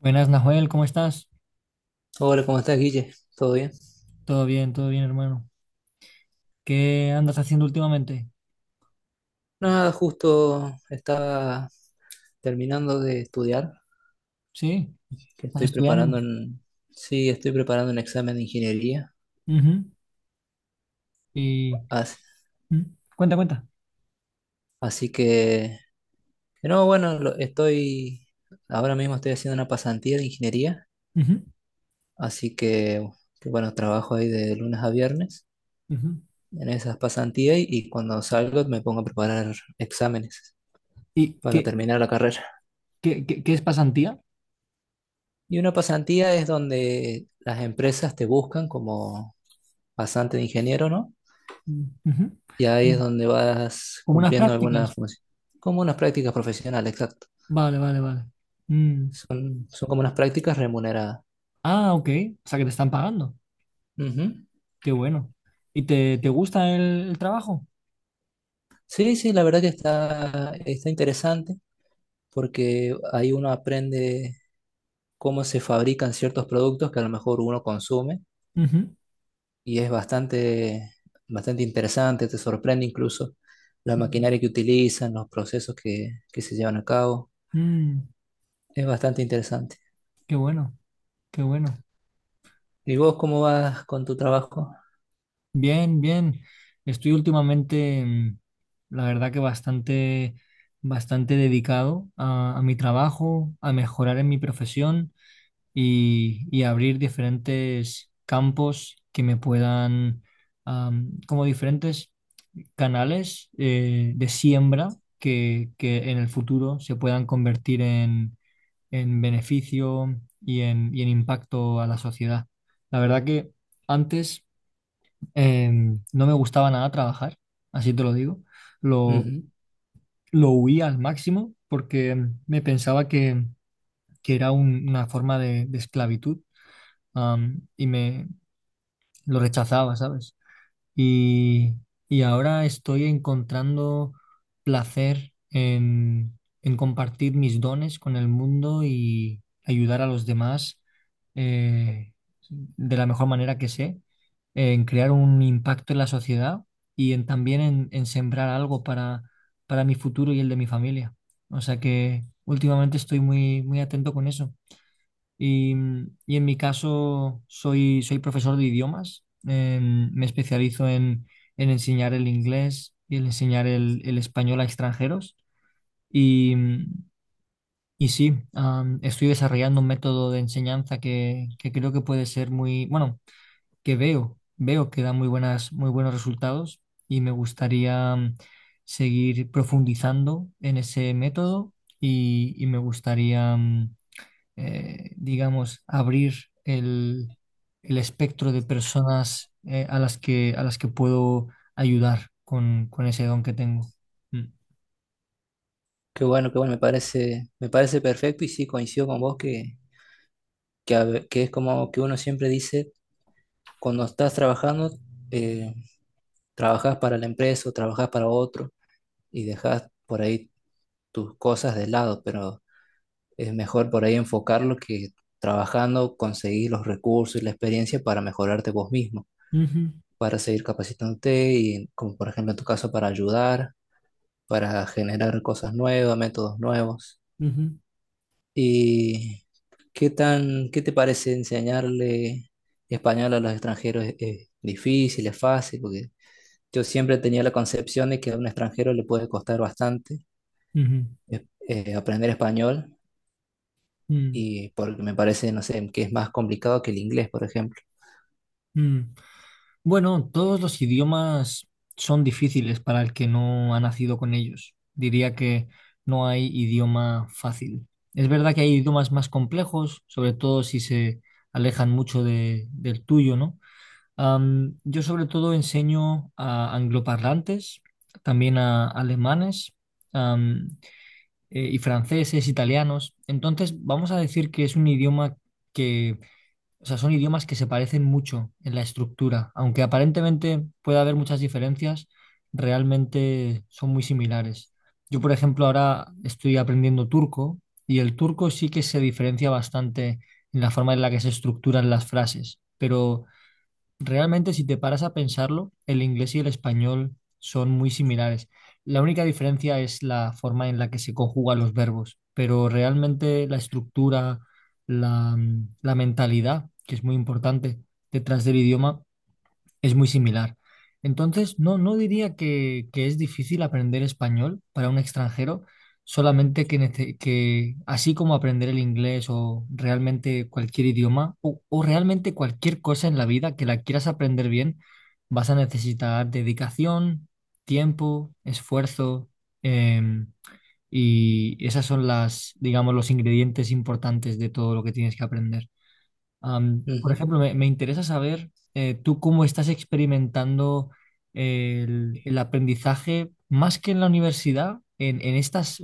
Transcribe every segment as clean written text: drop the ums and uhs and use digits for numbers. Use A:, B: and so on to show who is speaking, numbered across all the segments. A: Buenas, Nahuel, ¿cómo estás?
B: Hola, ¿cómo estás, Guille? ¿Todo bien?
A: Todo bien, hermano. ¿Qué andas haciendo últimamente?
B: Nada, justo estaba terminando de estudiar,
A: ¿Sí?
B: que
A: ¿Estás
B: estoy
A: estudiando?
B: preparando un- sí, estoy preparando un examen de ingeniería.
A: Ujú. Y
B: As-
A: mm, Cuenta, cuenta.
B: Así, que no, bueno, ahora mismo estoy haciendo una pasantía de ingeniería,
A: Ujú,
B: así que bueno, trabajo ahí de lunes a viernes
A: ujú.
B: en esas pasantías y cuando salgo me pongo a preparar exámenes
A: ¿Y
B: para terminar la carrera.
A: qué es pasantía?
B: Y una pasantía es donde las empresas te buscan como bastante de ingeniero, ¿no?
A: Mm, ujú.
B: Y ahí es
A: Como
B: donde vas
A: como unas
B: cumpliendo alguna
A: prácticas.
B: función. Como unas prácticas profesionales, exacto.
A: Vale, vale, vale. Mm.
B: Son, son como unas prácticas remuneradas.
A: Ah, ok. O sea que te están pagando.
B: Ujú.
A: Qué bueno. ¿Y te gusta el trabajo?
B: Sí, sí, la verdad que está, está interesante porque ahí uno aprende cómo se fabrican ciertos productos que a lo mejor uno consume
A: Ujú.
B: y es bastante, bastante interesante, te sorprende incluso la maquinaria que utilizan, los procesos que se llevan a cabo.
A: Mm,
B: Es bastante interesante.
A: qué bueno, qué bueno.
B: ¿Y vos cómo vas con tu trabajo?
A: Bien, bien. Estoy últimamente, la verdad que bastante, bastante dedicado a mi trabajo, a mejorar en mi profesión y abrir diferentes campos que me puedan, como diferentes canales de siembra que en el futuro se puedan convertir en beneficio y en impacto a la sociedad. La verdad que antes no me gustaba nada trabajar, así te lo digo. Lo,
B: Ujú.
A: lo huía al máximo porque me pensaba que era una forma de esclavitud, y me lo rechazaba, ¿sabes? Y, y ahora estoy encontrando placer en compartir mis dones con el mundo y ayudar a los demás eh, de la mejor manera que sé, en crear un impacto en la sociedad y en, también en sembrar algo para mi futuro y el de mi familia. O sea que últimamente estoy muy, muy atento con eso. Y, y en mi caso soy, soy profesor de idiomas. Me especializo en enseñar el inglés y en enseñar el español a extranjeros. Y, y sí, estoy desarrollando un método de enseñanza que creo que puede ser muy, bueno, que veo, veo que da muy buenas, muy buenos resultados y me gustaría seguir profundizando en ese método y me gustaría, digamos, abrir el, el espectro de personas a las que puedo ayudar con ese don que tengo. Mm.
B: Qué bueno, me parece perfecto y sí coincido con vos que, que es como que uno siempre dice, cuando estás trabajando, eh, trabajás para la empresa o trabajás para otro y dejás por ahí tus cosas de lado, pero es mejor por ahí enfocarlo que trabajando conseguir los recursos y la experiencia para mejorarte vos mismo,
A: Ujú,
B: para seguir capacitándote y como por ejemplo en tu caso para ayudar, para generar cosas nuevas, métodos nuevos.
A: ujú,
B: ¿Y qué tan, qué te parece enseñarle español a los extranjeros? Es difícil, es fácil? Porque yo siempre tenía la concepción de que a un extranjero le puede costar bastante
A: ujú,
B: aprender español
A: mm,
B: y porque me parece, no sé, que es más complicado que el inglés, por ejemplo.
A: mm. Bueno, todos los idiomas son difíciles para el que no ha nacido con ellos. Diría que no hay idioma fácil. Es verdad que hay idiomas más complejos, sobre todo si se alejan mucho del tuyo, ¿no? Yo sobre todo enseño a angloparlantes, también a alemanes, am, y franceses, italianos. Entonces, vamos a decir que es un idioma que, o sea, son idiomas que se parecen mucho en la estructura. Aunque aparentemente pueda haber muchas diferencias, realmente son muy similares. Yo, por ejemplo, ahora estoy aprendiendo turco y el turco sí que se diferencia bastante en la forma en la que se estructuran las frases, pero realmente, si te paras a pensarlo, el inglés y el español son muy similares. La única diferencia es la forma en la que se conjugan los verbos, pero realmente la estructura, la mentalidad, que es muy importante detrás del idioma, es muy similar. Entonces, no, no diría que es difícil aprender español para un extranjero, solamente que así como aprender el inglés o realmente cualquier idioma o realmente cualquier cosa en la vida que la quieras aprender bien, vas a necesitar dedicación, tiempo, esfuerzo, em, y esas son las, digamos, los ingredientes importantes de todo lo que tienes que aprender. Por
B: Ujú.
A: ejemplo, me interesa saber tú cómo estás experimentando el aprendizaje, más que en la universidad, en estos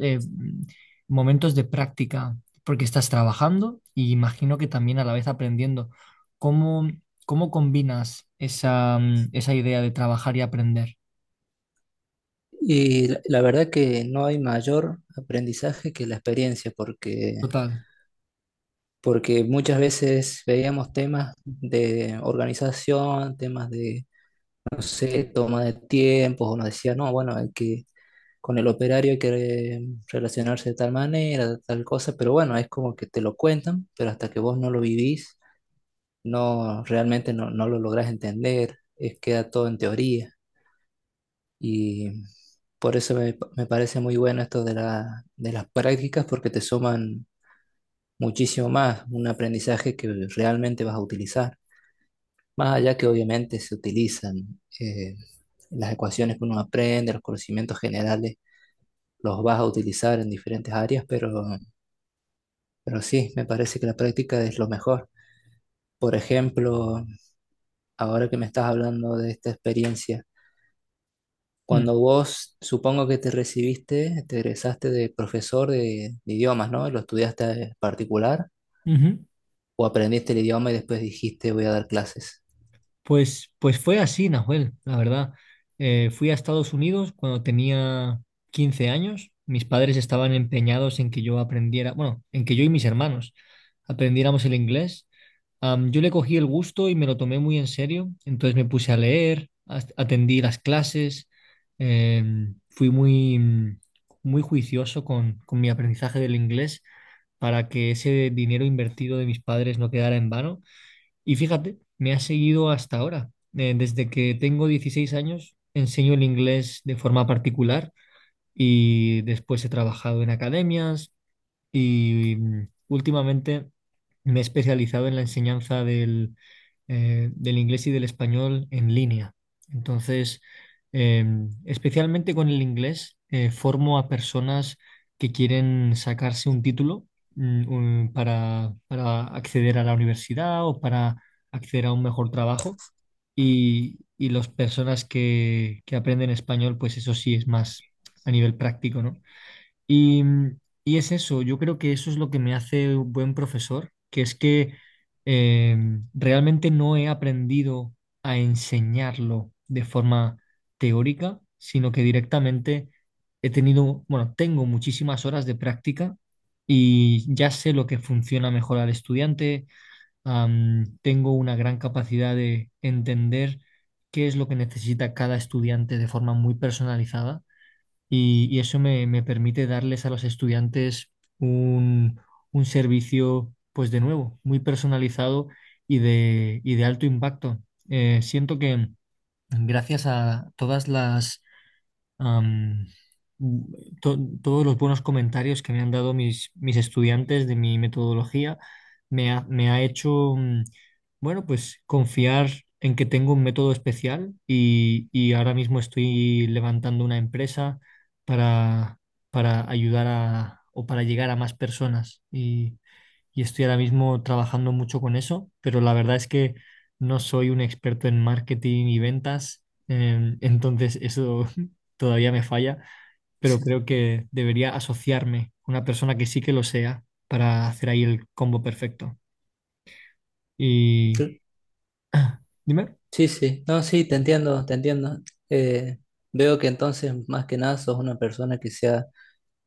A: momentos de práctica, porque estás trabajando y imagino que también a la vez aprendiendo. ¿Cómo, cómo combinas esa idea de trabajar y aprender?
B: Y la verdad que no hay mayor aprendizaje que la experiencia, porque,
A: Total.
B: porque muchas veces veíamos temas de organización, temas de no sé, toma de tiempos, o nos decía, no, bueno, hay que, con el operario hay que relacionarse de tal manera, de tal cosa, pero bueno, es como que te lo cuentan, pero hasta que vos no lo vivís, no, realmente no, no lo lográs entender, es, queda todo en teoría. Y por eso me, me parece muy bueno esto de la, de las prácticas, porque te suman muchísimo más, un aprendizaje que realmente vas a utilizar. Más allá que obviamente se utilizan las ecuaciones que uno aprende, los conocimientos generales, los vas a utilizar en diferentes áreas, pero sí, me parece que la práctica es lo mejor. Por ejemplo, ahora que me estás hablando de esta experiencia,
A: Mm.
B: cuando vos supongo que te recibiste, te egresaste de profesor de idiomas, ¿no? ¿Lo estudiaste particular
A: Ujú.
B: o aprendiste el idioma y después dijiste voy a dar clases?
A: Pues, pues fue así, Nahuel, la verdad. Fui a Estados Unidos cuando tenía 15 años. Mis padres estaban empeñados en que yo aprendiera, bueno, en que yo y mis hermanos aprendiéramos el inglés. Yo le cogí el gusto y me lo tomé muy en serio. Entonces me puse a leer, atendí las clases, fui muy juicioso con mi aprendizaje del inglés para que ese dinero invertido de mis padres no quedara en vano. Y fíjate, me ha seguido hasta ahora. Desde que tengo 16 años, enseño el inglés de forma particular y después he trabajado en academias, y últimamente me he especializado en la enseñanza del inglés y del español en línea. Entonces, eh, especialmente con el inglés, formo a personas que quieren sacarse un título para acceder a la universidad o para acceder a un mejor trabajo. Y las personas que aprenden español, pues eso sí es más a nivel práctico, ¿no? Y, mm, y es eso, yo creo que eso es lo que me hace un buen profesor, que es que eh, realmente no he aprendido a enseñarlo de forma teórica, sino que directamente he tenido, bueno, tengo muchísimas horas de práctica y ya sé lo que funciona mejor al estudiante, tengo una gran capacidad de entender qué es lo que necesita cada estudiante de forma muy personalizada y eso me, me permite darles a los estudiantes un, un servicio, pues de nuevo, muy personalizado y de alto impacto. Siento que gracias a todas am, todos los buenos comentarios que me han dado mis, mis estudiantes de mi metodología me ha, me ha hecho bueno, pues confiar en que tengo un método especial y ahora mismo estoy levantando una empresa para, para ayudar a, o para llegar a más personas. Y estoy ahora mismo trabajando mucho con eso, pero la verdad es que no soy un experto en marketing y ventas, entonces eso todavía me falla, pero creo que debería asociarme con una persona que sí que lo sea para hacer ahí el combo perfecto. Y... Dime.
B: Sí, sí, no, sí, te entiendo, te entiendo. Eh, veo que entonces, más que nada, sos una persona que se ha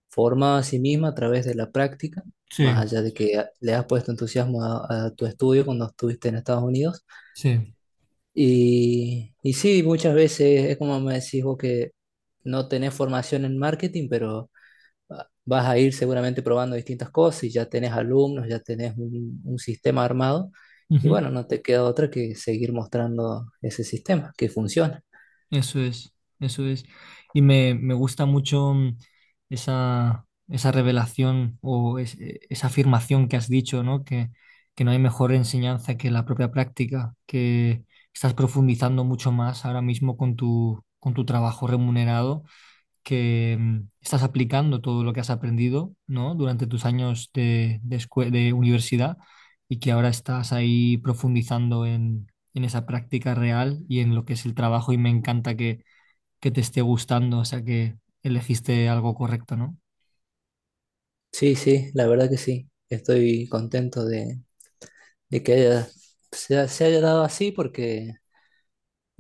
B: formado a sí misma a través de la práctica,
A: Sí,
B: más allá de que le has puesto entusiasmo a tu estudio cuando estuviste en Estados Unidos.
A: sí.
B: Y sí, muchas veces es como me decís vos que no tenés formación en marketing, pero ah, vas a ir seguramente probando distintas cosas y ya tenés alumnos, ya tenés un sistema armado. Y
A: Ujú.
B: bueno, no te queda otra que seguir mostrando ese sistema que funciona.
A: Eso es, eso es. Y me gusta mucho esa, esa esa afirmación que has dicho, ¿no? Que no hay mejor enseñanza que la propia práctica, que estás profundizando mucho más ahora mismo con tu trabajo remunerado que estás aplicando todo lo que has aprendido, ¿no? Durante tus años de universidad y que ahora estás ahí profundizando en esa práctica real y en lo que es el trabajo y me encanta que te esté gustando, o sea que elegiste algo correcto, ¿no?
B: Sí, sí, la verdad que sí. Estoy contento de, de que haya- se, se haya dado así porque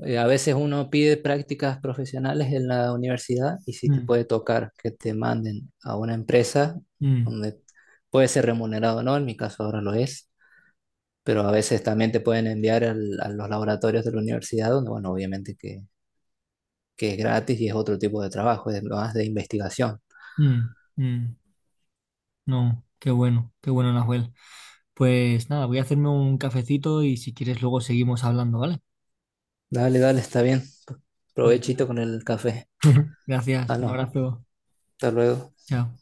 B: a veces uno pide prácticas profesionales en la universidad y si te
A: Mm,
B: puede tocar que te manden a una empresa
A: mm,
B: donde puede ser remunerado o no, en mi caso ahora lo es, pero a veces también te pueden enviar a los laboratorios de la universidad donde, bueno, obviamente que es gratis y es otro tipo de trabajo, es más de investigación.
A: mm, mm. No, qué bueno, Nahuel. Pues nada, voy a hacerme un cafecito y si quieres luego seguimos hablando, ¿vale?
B: Dale, dale, está bien. Provechito
A: Venga.
B: con el café.
A: Gracias,
B: Ah,
A: un
B: no,
A: abrazo.
B: hasta luego.
A: Chao.